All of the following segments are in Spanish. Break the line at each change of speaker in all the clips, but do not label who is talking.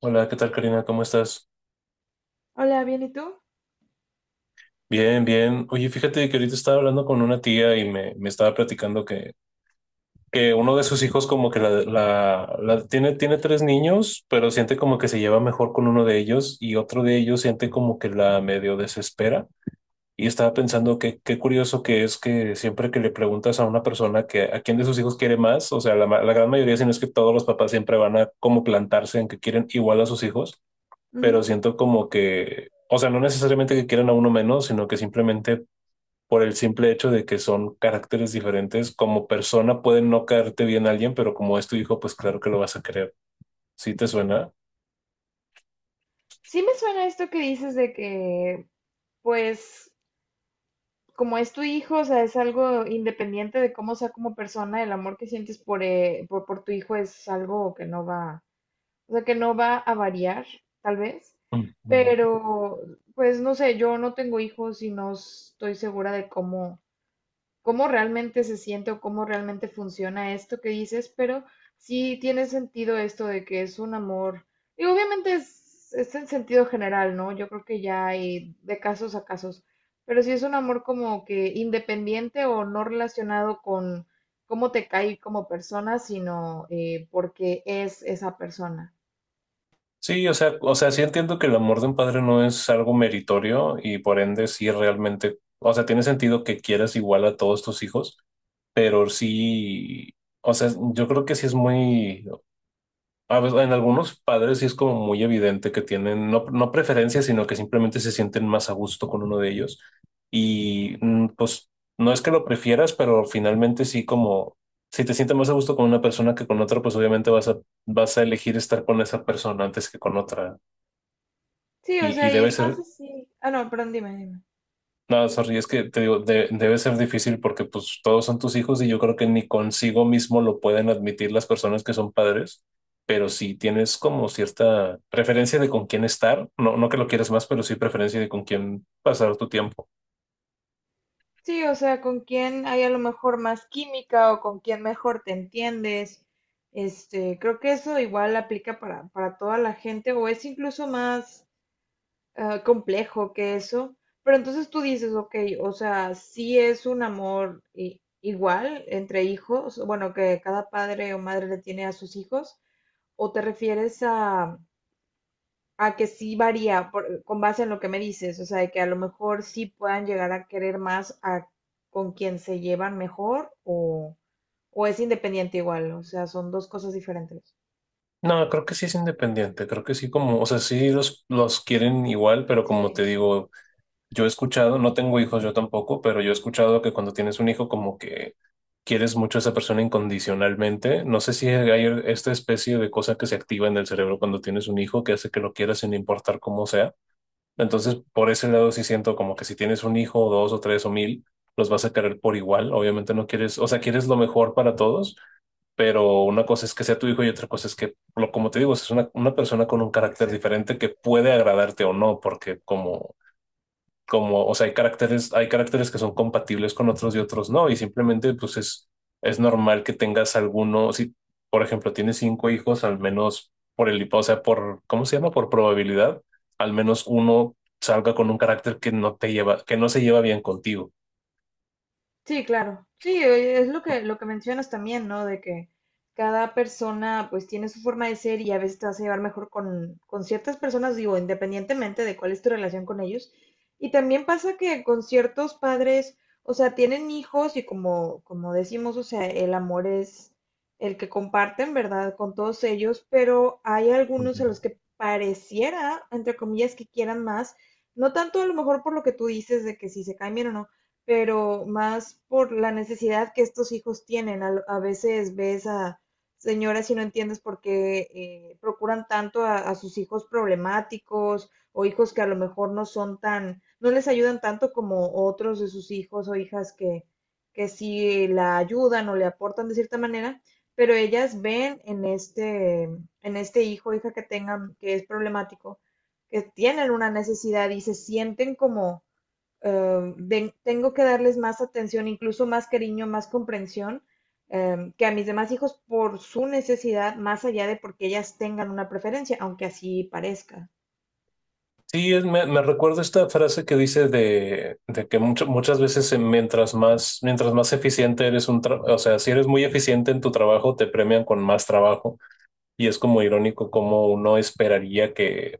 Hola, ¿qué tal, Karina? ¿Cómo estás?
Hola, bien, ¿y tú?
Bien, bien. Oye, fíjate que ahorita estaba hablando con una tía y me estaba platicando que uno de sus hijos como que tiene tres niños, pero siente como que se lleva mejor con uno de ellos y otro de ellos siente como que la medio desespera. Y estaba pensando que qué curioso que es que siempre que le preguntas a una persona que a quién de sus hijos quiere más, o sea, la gran mayoría, si no es que todos los papás siempre van a como plantarse en que quieren igual a sus hijos. Pero
Ujú.
siento como que, o sea, no necesariamente que quieran a uno menos, sino que simplemente por el simple hecho de que son caracteres diferentes, como persona puede no caerte bien a alguien, pero como es tu hijo, pues claro que lo vas a querer. ¿Sí te suena?
Sí me suena esto que dices de que, pues, como es tu hijo, o sea, es algo independiente de cómo sea como persona, el amor que sientes por tu hijo es algo que no va, o sea, que no va a variar, tal vez.
Ujú.
Pero, pues, no sé, yo no tengo hijos y no estoy segura de cómo, cómo realmente se siente o cómo realmente funciona esto que dices, pero sí tiene sentido esto de que es un amor. Y obviamente es en sentido general, ¿no? Yo creo que ya hay de casos a casos, pero sí es un amor como que independiente o no relacionado con cómo te cae como persona, sino porque es esa persona.
Sí, o sea, sí entiendo que el amor de un padre no es algo meritorio y por ende sí realmente, o sea, tiene sentido que quieras igual a todos tus hijos, pero sí, o sea, yo creo que sí es muy, a veces, en algunos padres sí es como muy evidente que tienen no preferencias, sino que simplemente se sienten más a gusto con uno de ellos. Y pues no es que lo prefieras, pero finalmente sí como si te sientes más a gusto con una persona que con otra, pues obviamente vas a elegir estar con esa persona antes que con otra.
Sí, o
Y,
sea,
y
y
debe
es más
ser
así. Ah, no, perdón, dime.
no, sorry, es que te digo, debe ser difícil porque pues todos son tus hijos y yo creo que ni consigo mismo lo pueden admitir las personas que son padres, pero si tienes como cierta preferencia de con quién estar, no que lo quieras más, pero sí preferencia de con quién pasar tu tiempo.
Sí, o sea, con quién hay a lo mejor más química o con quién mejor te entiendes. Este, creo que eso igual aplica para toda la gente o es incluso más complejo que eso. Pero entonces tú dices, ok, o sea, sí es un amor igual entre hijos, bueno, que cada padre o madre le tiene a sus hijos, o te refieres a que sí varía con base en lo que me dices, o sea, de que a lo mejor sí puedan llegar a querer más a con quien se llevan mejor o es independiente igual, o sea, son dos cosas diferentes.
No, creo que sí es independiente, creo que sí como, o sea, sí los quieren igual, pero
Sí,
como te digo, yo he escuchado, no tengo hijos yo tampoco, pero yo he escuchado que cuando tienes un hijo como que quieres mucho a esa persona incondicionalmente. No sé si hay esta especie de cosa que se activa en el cerebro cuando tienes un hijo que hace que lo quieras sin importar cómo sea. Entonces, por ese lado sí siento como que si tienes un hijo, o dos o tres o mil, los vas a querer por igual. Obviamente no quieres, o sea, quieres lo mejor para todos, pero una cosa es que sea tu hijo y otra cosa es que, lo, como te digo, es una persona con un carácter
exacto.
diferente que puede agradarte o no, porque o sea, hay caracteres que son compatibles con otros y otros no, y simplemente pues es normal que tengas alguno, si por ejemplo tienes cinco hijos, al menos por el, o sea, por, ¿cómo se llama? Por probabilidad, al menos uno salga con un carácter que no te lleva, que no se lleva bien contigo.
Sí, claro. Sí, es lo que mencionas también, ¿no? De que cada persona pues tiene su forma de ser y a veces te vas a llevar mejor con ciertas personas, digo, independientemente de cuál es tu relación con ellos. Y también pasa que con ciertos padres, o sea, tienen hijos y como, como decimos, o sea, el amor es el que comparten, ¿verdad? Con todos ellos, pero hay algunos
Ujú.
a los que pareciera, entre comillas, que quieran más. No tanto a lo mejor por lo que tú dices de que si se cambian o no, pero más por la necesidad que estos hijos tienen. A veces ves a señoras y no entiendes por qué procuran tanto a sus hijos problemáticos o hijos que a lo mejor no son tan, no les ayudan tanto como otros de sus hijos o hijas que sí la ayudan o le aportan de cierta manera, pero ellas ven en este hijo o hija que tengan que es problemático, que tienen una necesidad y se sienten como tengo que darles más atención, incluso más cariño, más comprensión, que a mis demás hijos por su necesidad, más allá de porque ellas tengan una preferencia, aunque así parezca.
Sí, me recuerdo esta frase que dice de que muchas veces mientras más eficiente eres un o sea, si eres muy eficiente en tu trabajo, te premian con más trabajo. Y es como irónico como uno esperaría que,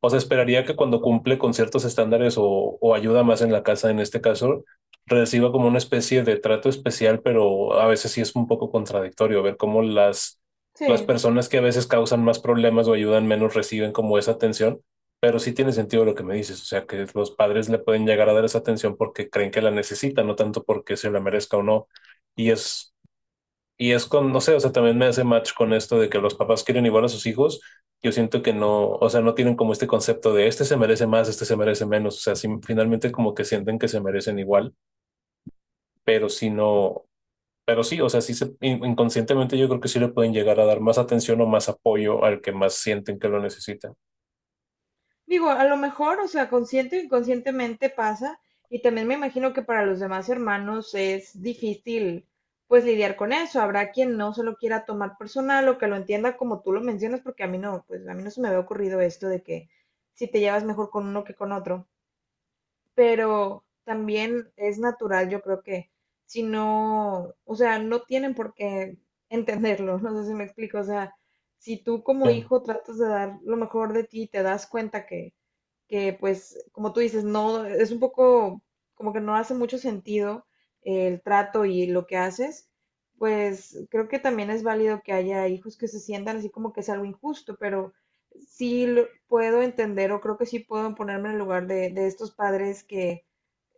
o sea, esperaría que cuando cumple con ciertos estándares o ayuda más en la casa, en este caso, reciba como una especie de trato especial, pero a veces sí es un poco contradictorio ver cómo
Sí,
las personas que a veces causan más problemas o ayudan menos reciben como esa atención. Pero sí tiene sentido lo que me dices, o sea, que los padres le pueden llegar a dar esa atención porque creen que la necesitan, no tanto porque se la merezca o no. Y es y es con, no sé, o sea, también me hace match con esto de que los papás quieren igual a sus hijos. Yo siento que no, o sea, no tienen como este concepto de este se merece más, este se merece menos. O sea, sí, finalmente como que sienten que se merecen igual, pero si no, pero sí, o sea, sí se, inconscientemente yo creo que sí le pueden llegar a dar más atención o más apoyo al que más sienten que lo necesitan.
digo, a lo mejor, o sea, consciente o inconscientemente pasa, y también me imagino que para los demás hermanos es difícil, pues, lidiar con eso. Habrá quien no se lo quiera tomar personal o que lo entienda como tú lo mencionas, porque a mí no, pues, a mí no se me había ocurrido esto de que si te llevas mejor con uno que con otro. Pero también es natural, yo creo que si no, o sea, no tienen por qué entenderlo, no sé si me explico, o sea, si tú como
Sí.
hijo tratas de dar lo mejor de ti, te das cuenta que pues, como tú dices, no, es un poco como que no hace mucho sentido, el trato y lo que haces, pues creo que también es válido que haya hijos que se sientan así como que es algo injusto, pero sí puedo entender o creo que sí puedo ponerme en el lugar de estos padres que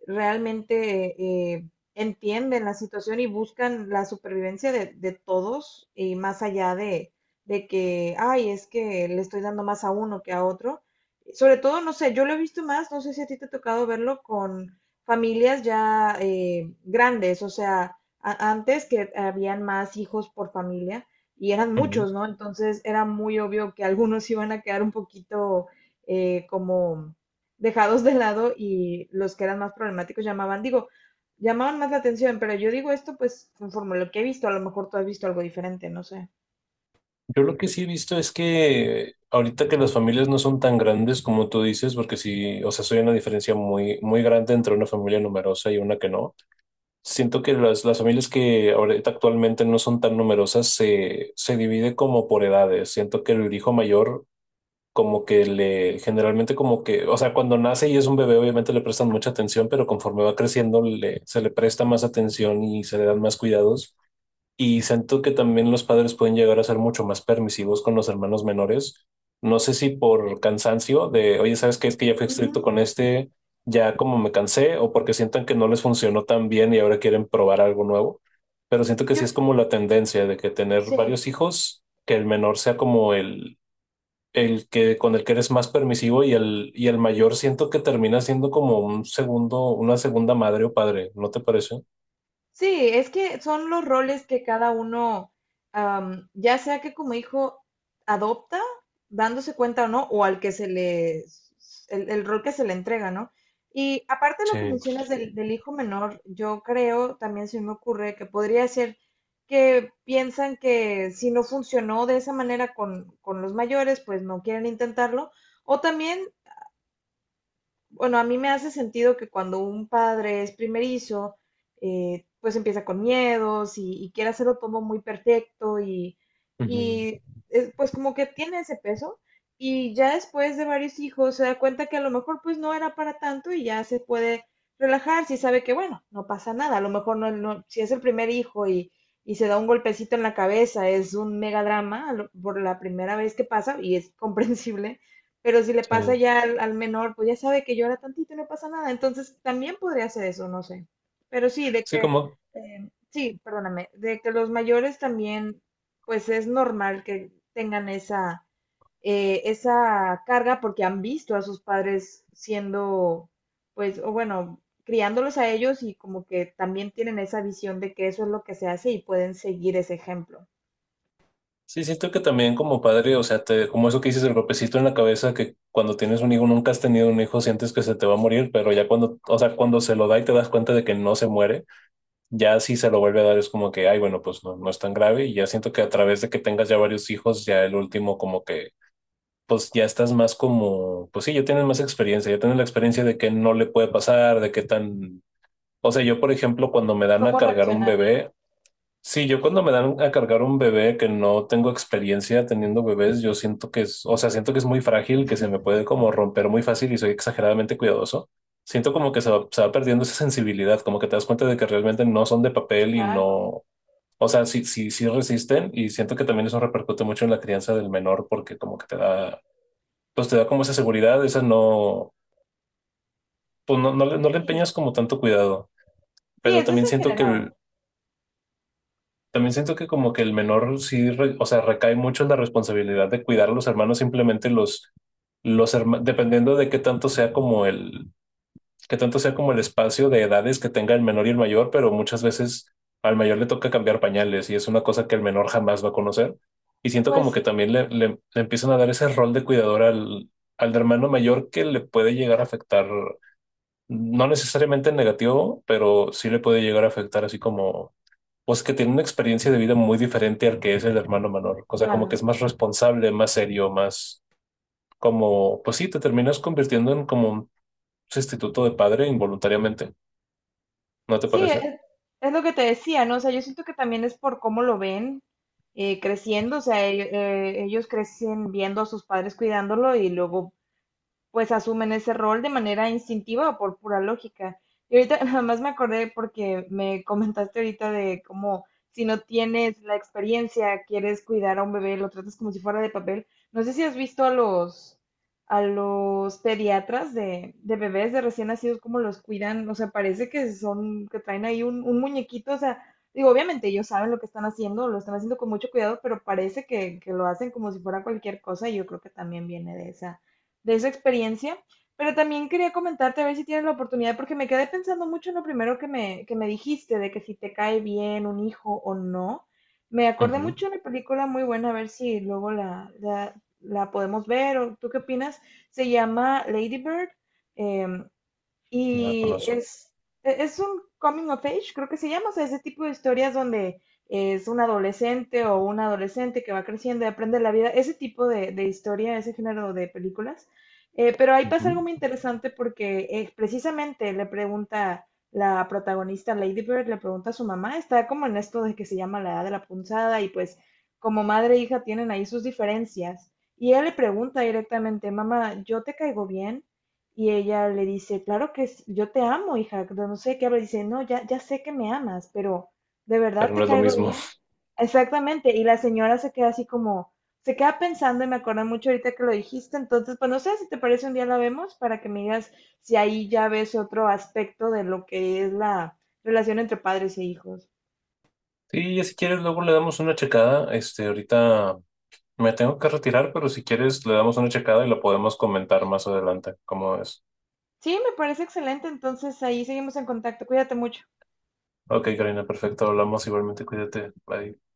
realmente eh, entienden la situación y buscan la supervivencia de todos y más allá de que, ay, es que le estoy dando más a uno que a otro. Sobre todo, no sé, yo lo he visto más, no sé si a ti te ha tocado verlo con familias ya grandes, o sea, antes que habían más hijos por familia y eran
Ujú.
muchos, ¿no? Entonces era muy obvio que algunos iban a quedar un poquito como dejados de lado y los que eran más problemáticos llamaban, digo, llamaban más la atención, pero yo digo esto pues conforme a lo que he visto, a lo mejor tú has visto algo diferente, no sé.
Yo lo que sí he visto es que ahorita que las familias no son tan grandes como tú dices, porque sí, o sea, soy una diferencia muy grande entre una familia numerosa y una que no. Siento que las familias que ahorita actualmente no son tan numerosas se divide como por edades. Siento que el hijo mayor como que le generalmente como que, o sea, cuando nace y es un bebé obviamente le prestan mucha atención, pero conforme va creciendo le, se le presta más atención y se le dan más cuidados. Y siento que también los padres pueden llegar a ser mucho más permisivos con los hermanos menores. No sé si por cansancio de, oye, ¿sabes qué? Es que ya fui estricto
Ujú.
con este, ya como me cansé, o porque sientan que no les funcionó tan bien y ahora quieren probar algo nuevo. Pero siento que
Yo,
sí es como la tendencia de que tener
sí.
varios hijos, que el menor sea como el que con el que eres más permisivo y el mayor siento que termina siendo como un segundo, una segunda madre o padre, ¿no te parece?
Sí, es que son los roles que cada uno, ya sea que como hijo adopta, dándose cuenta o no, o al que se le, el rol que se le entrega, ¿no? Y aparte de lo que
Sí.
mencionas del, del hijo menor, yo creo, también se me ocurre que podría ser que piensan que si no funcionó de esa manera con los mayores, pues no quieren intentarlo, o también bueno, a mí me hace sentido que cuando un padre es primerizo, pues empieza con miedos y quiere hacerlo todo muy perfecto
Ujú.
y pues como que tiene ese peso y ya después de varios hijos se da cuenta que a lo mejor pues no era para tanto y ya se puede relajar si sabe que bueno, no pasa nada, a lo mejor si es el primer hijo y se da un golpecito en la cabeza, es un mega drama por la primera vez que pasa y es comprensible, pero si le pasa
Sí.
ya al, al menor, pues ya sabe que llora tantito y no pasa nada. Entonces también podría hacer eso, no sé. Pero sí, de
Sí,
que,
como
sí, perdóname, de que los mayores también, pues es normal que tengan esa, esa carga porque han visto a sus padres siendo, pues, o bueno, criándolos a ellos y como que también tienen esa visión de que eso es lo que se hace y pueden seguir ese ejemplo.
sí, siento que también como padre, o sea, te, como eso que dices, el golpecito en la cabeza, que cuando tienes un hijo, nunca has tenido un hijo, sientes que se te va a morir, pero ya cuando, o sea, cuando se lo da y te das cuenta de que no se muere, ya si se lo vuelve a dar es como que, ay, bueno, pues no, no es tan grave y ya siento que a través de que tengas ya varios hijos, ya el último como que, pues ya estás más como, pues sí, ya tienes más experiencia, ya tienes la experiencia de que no le puede pasar, de qué tan... O sea, yo, por ejemplo, cuando me dan a
¿Cómo
cargar un
reaccionar?
bebé, sí, yo cuando me dan a cargar un bebé que no tengo experiencia teniendo bebés, yo siento que es, o sea, siento que es muy frágil, que se me puede como romper muy fácil y soy exageradamente cuidadoso. Siento como que se va perdiendo esa sensibilidad, como que te das cuenta de que realmente no son de papel y
Claro.
no, o sea, sí resisten y siento que también eso repercute mucho en la crianza del menor porque como que te da, pues te da como esa seguridad, esa no, pues no, no le
Sí,
empeñas como tanto cuidado,
sí,
pero
eso es
también
en
siento que
general.
también siento que como que el menor sí, o sea, recae mucho en la responsabilidad de cuidar a los hermanos, simplemente los hermanos, dependiendo de qué tanto sea como el, qué tanto sea como el espacio de edades que tenga el menor y el mayor, pero muchas veces al mayor le toca cambiar pañales y es una cosa que el menor jamás va a conocer. Y siento
Pues
como que
sí,
también le empiezan a dar ese rol de cuidador al, al hermano mayor que le puede llegar a afectar, no necesariamente en negativo, pero sí le puede llegar a afectar así como pues que tiene una experiencia de vida muy diferente al que es el hermano menor. O sea, como que es
claro.
más responsable, más serio, más como, pues sí, te terminas convirtiendo en como un sustituto de padre involuntariamente, ¿no te
Sí,
parece?
es lo que te decía, ¿no? O sea, yo siento que también es por cómo lo ven creciendo, o sea, ellos crecen viendo a sus padres cuidándolo y luego pues asumen ese rol de manera instintiva o por pura lógica. Y ahorita nada más me acordé porque me comentaste ahorita de cómo si no tienes la experiencia, quieres cuidar a un bebé, lo tratas como si fuera de papel. No sé si has visto a los pediatras de bebés de recién nacidos, cómo los cuidan. O sea, parece que son, que traen ahí un muñequito. O sea, digo, obviamente ellos saben lo que están haciendo, lo están haciendo con mucho cuidado, pero parece que lo hacen como si fuera cualquier cosa y yo creo que también viene de esa experiencia. Pero también quería comentarte a ver si tienes la oportunidad, porque me quedé pensando mucho en lo primero que me dijiste, de que si te cae bien un hijo o no. Me acordé
Ujú.
mucho de una película muy buena, a ver si luego la podemos ver, o tú qué opinas. Se llama Lady Bird. eh,
No la
y
conozco,
es, es un coming of age, creo que se llama, o sea, ese tipo de historias donde es un adolescente o un adolescente que va creciendo y aprende la vida, ese tipo de historia, ese género de películas. Pero ahí
ujú.
pasa algo muy interesante porque precisamente le pregunta la protagonista Lady Bird, le pregunta a su mamá, está como en esto de que se llama la edad de la punzada y pues como madre e hija tienen ahí sus diferencias. Y ella le pregunta directamente, mamá, ¿yo te caigo bien? Y ella le dice, claro yo te amo, hija, pero no sé qué habla. Dice, no, ya, ya sé que me amas, pero ¿de
Pero
verdad
no
te
es lo
caigo
mismo.
bien? Exactamente. Y la señora se queda así como, se queda pensando y me acuerdo mucho ahorita que lo dijiste. Entonces, pues no sé si te parece un día la vemos para que me digas si ahí ya ves otro aspecto de lo que es la relación entre padres e hijos.
Sí, ya si quieres, luego le damos una checada. Este, ahorita me tengo que retirar, pero si quieres, le damos una checada y la podemos comentar más adelante, ¿cómo es?
Sí, me parece excelente. Entonces ahí seguimos en contacto. Cuídate mucho.
Ok, Karina, perfecto, hablamos igualmente, cuídate, bye.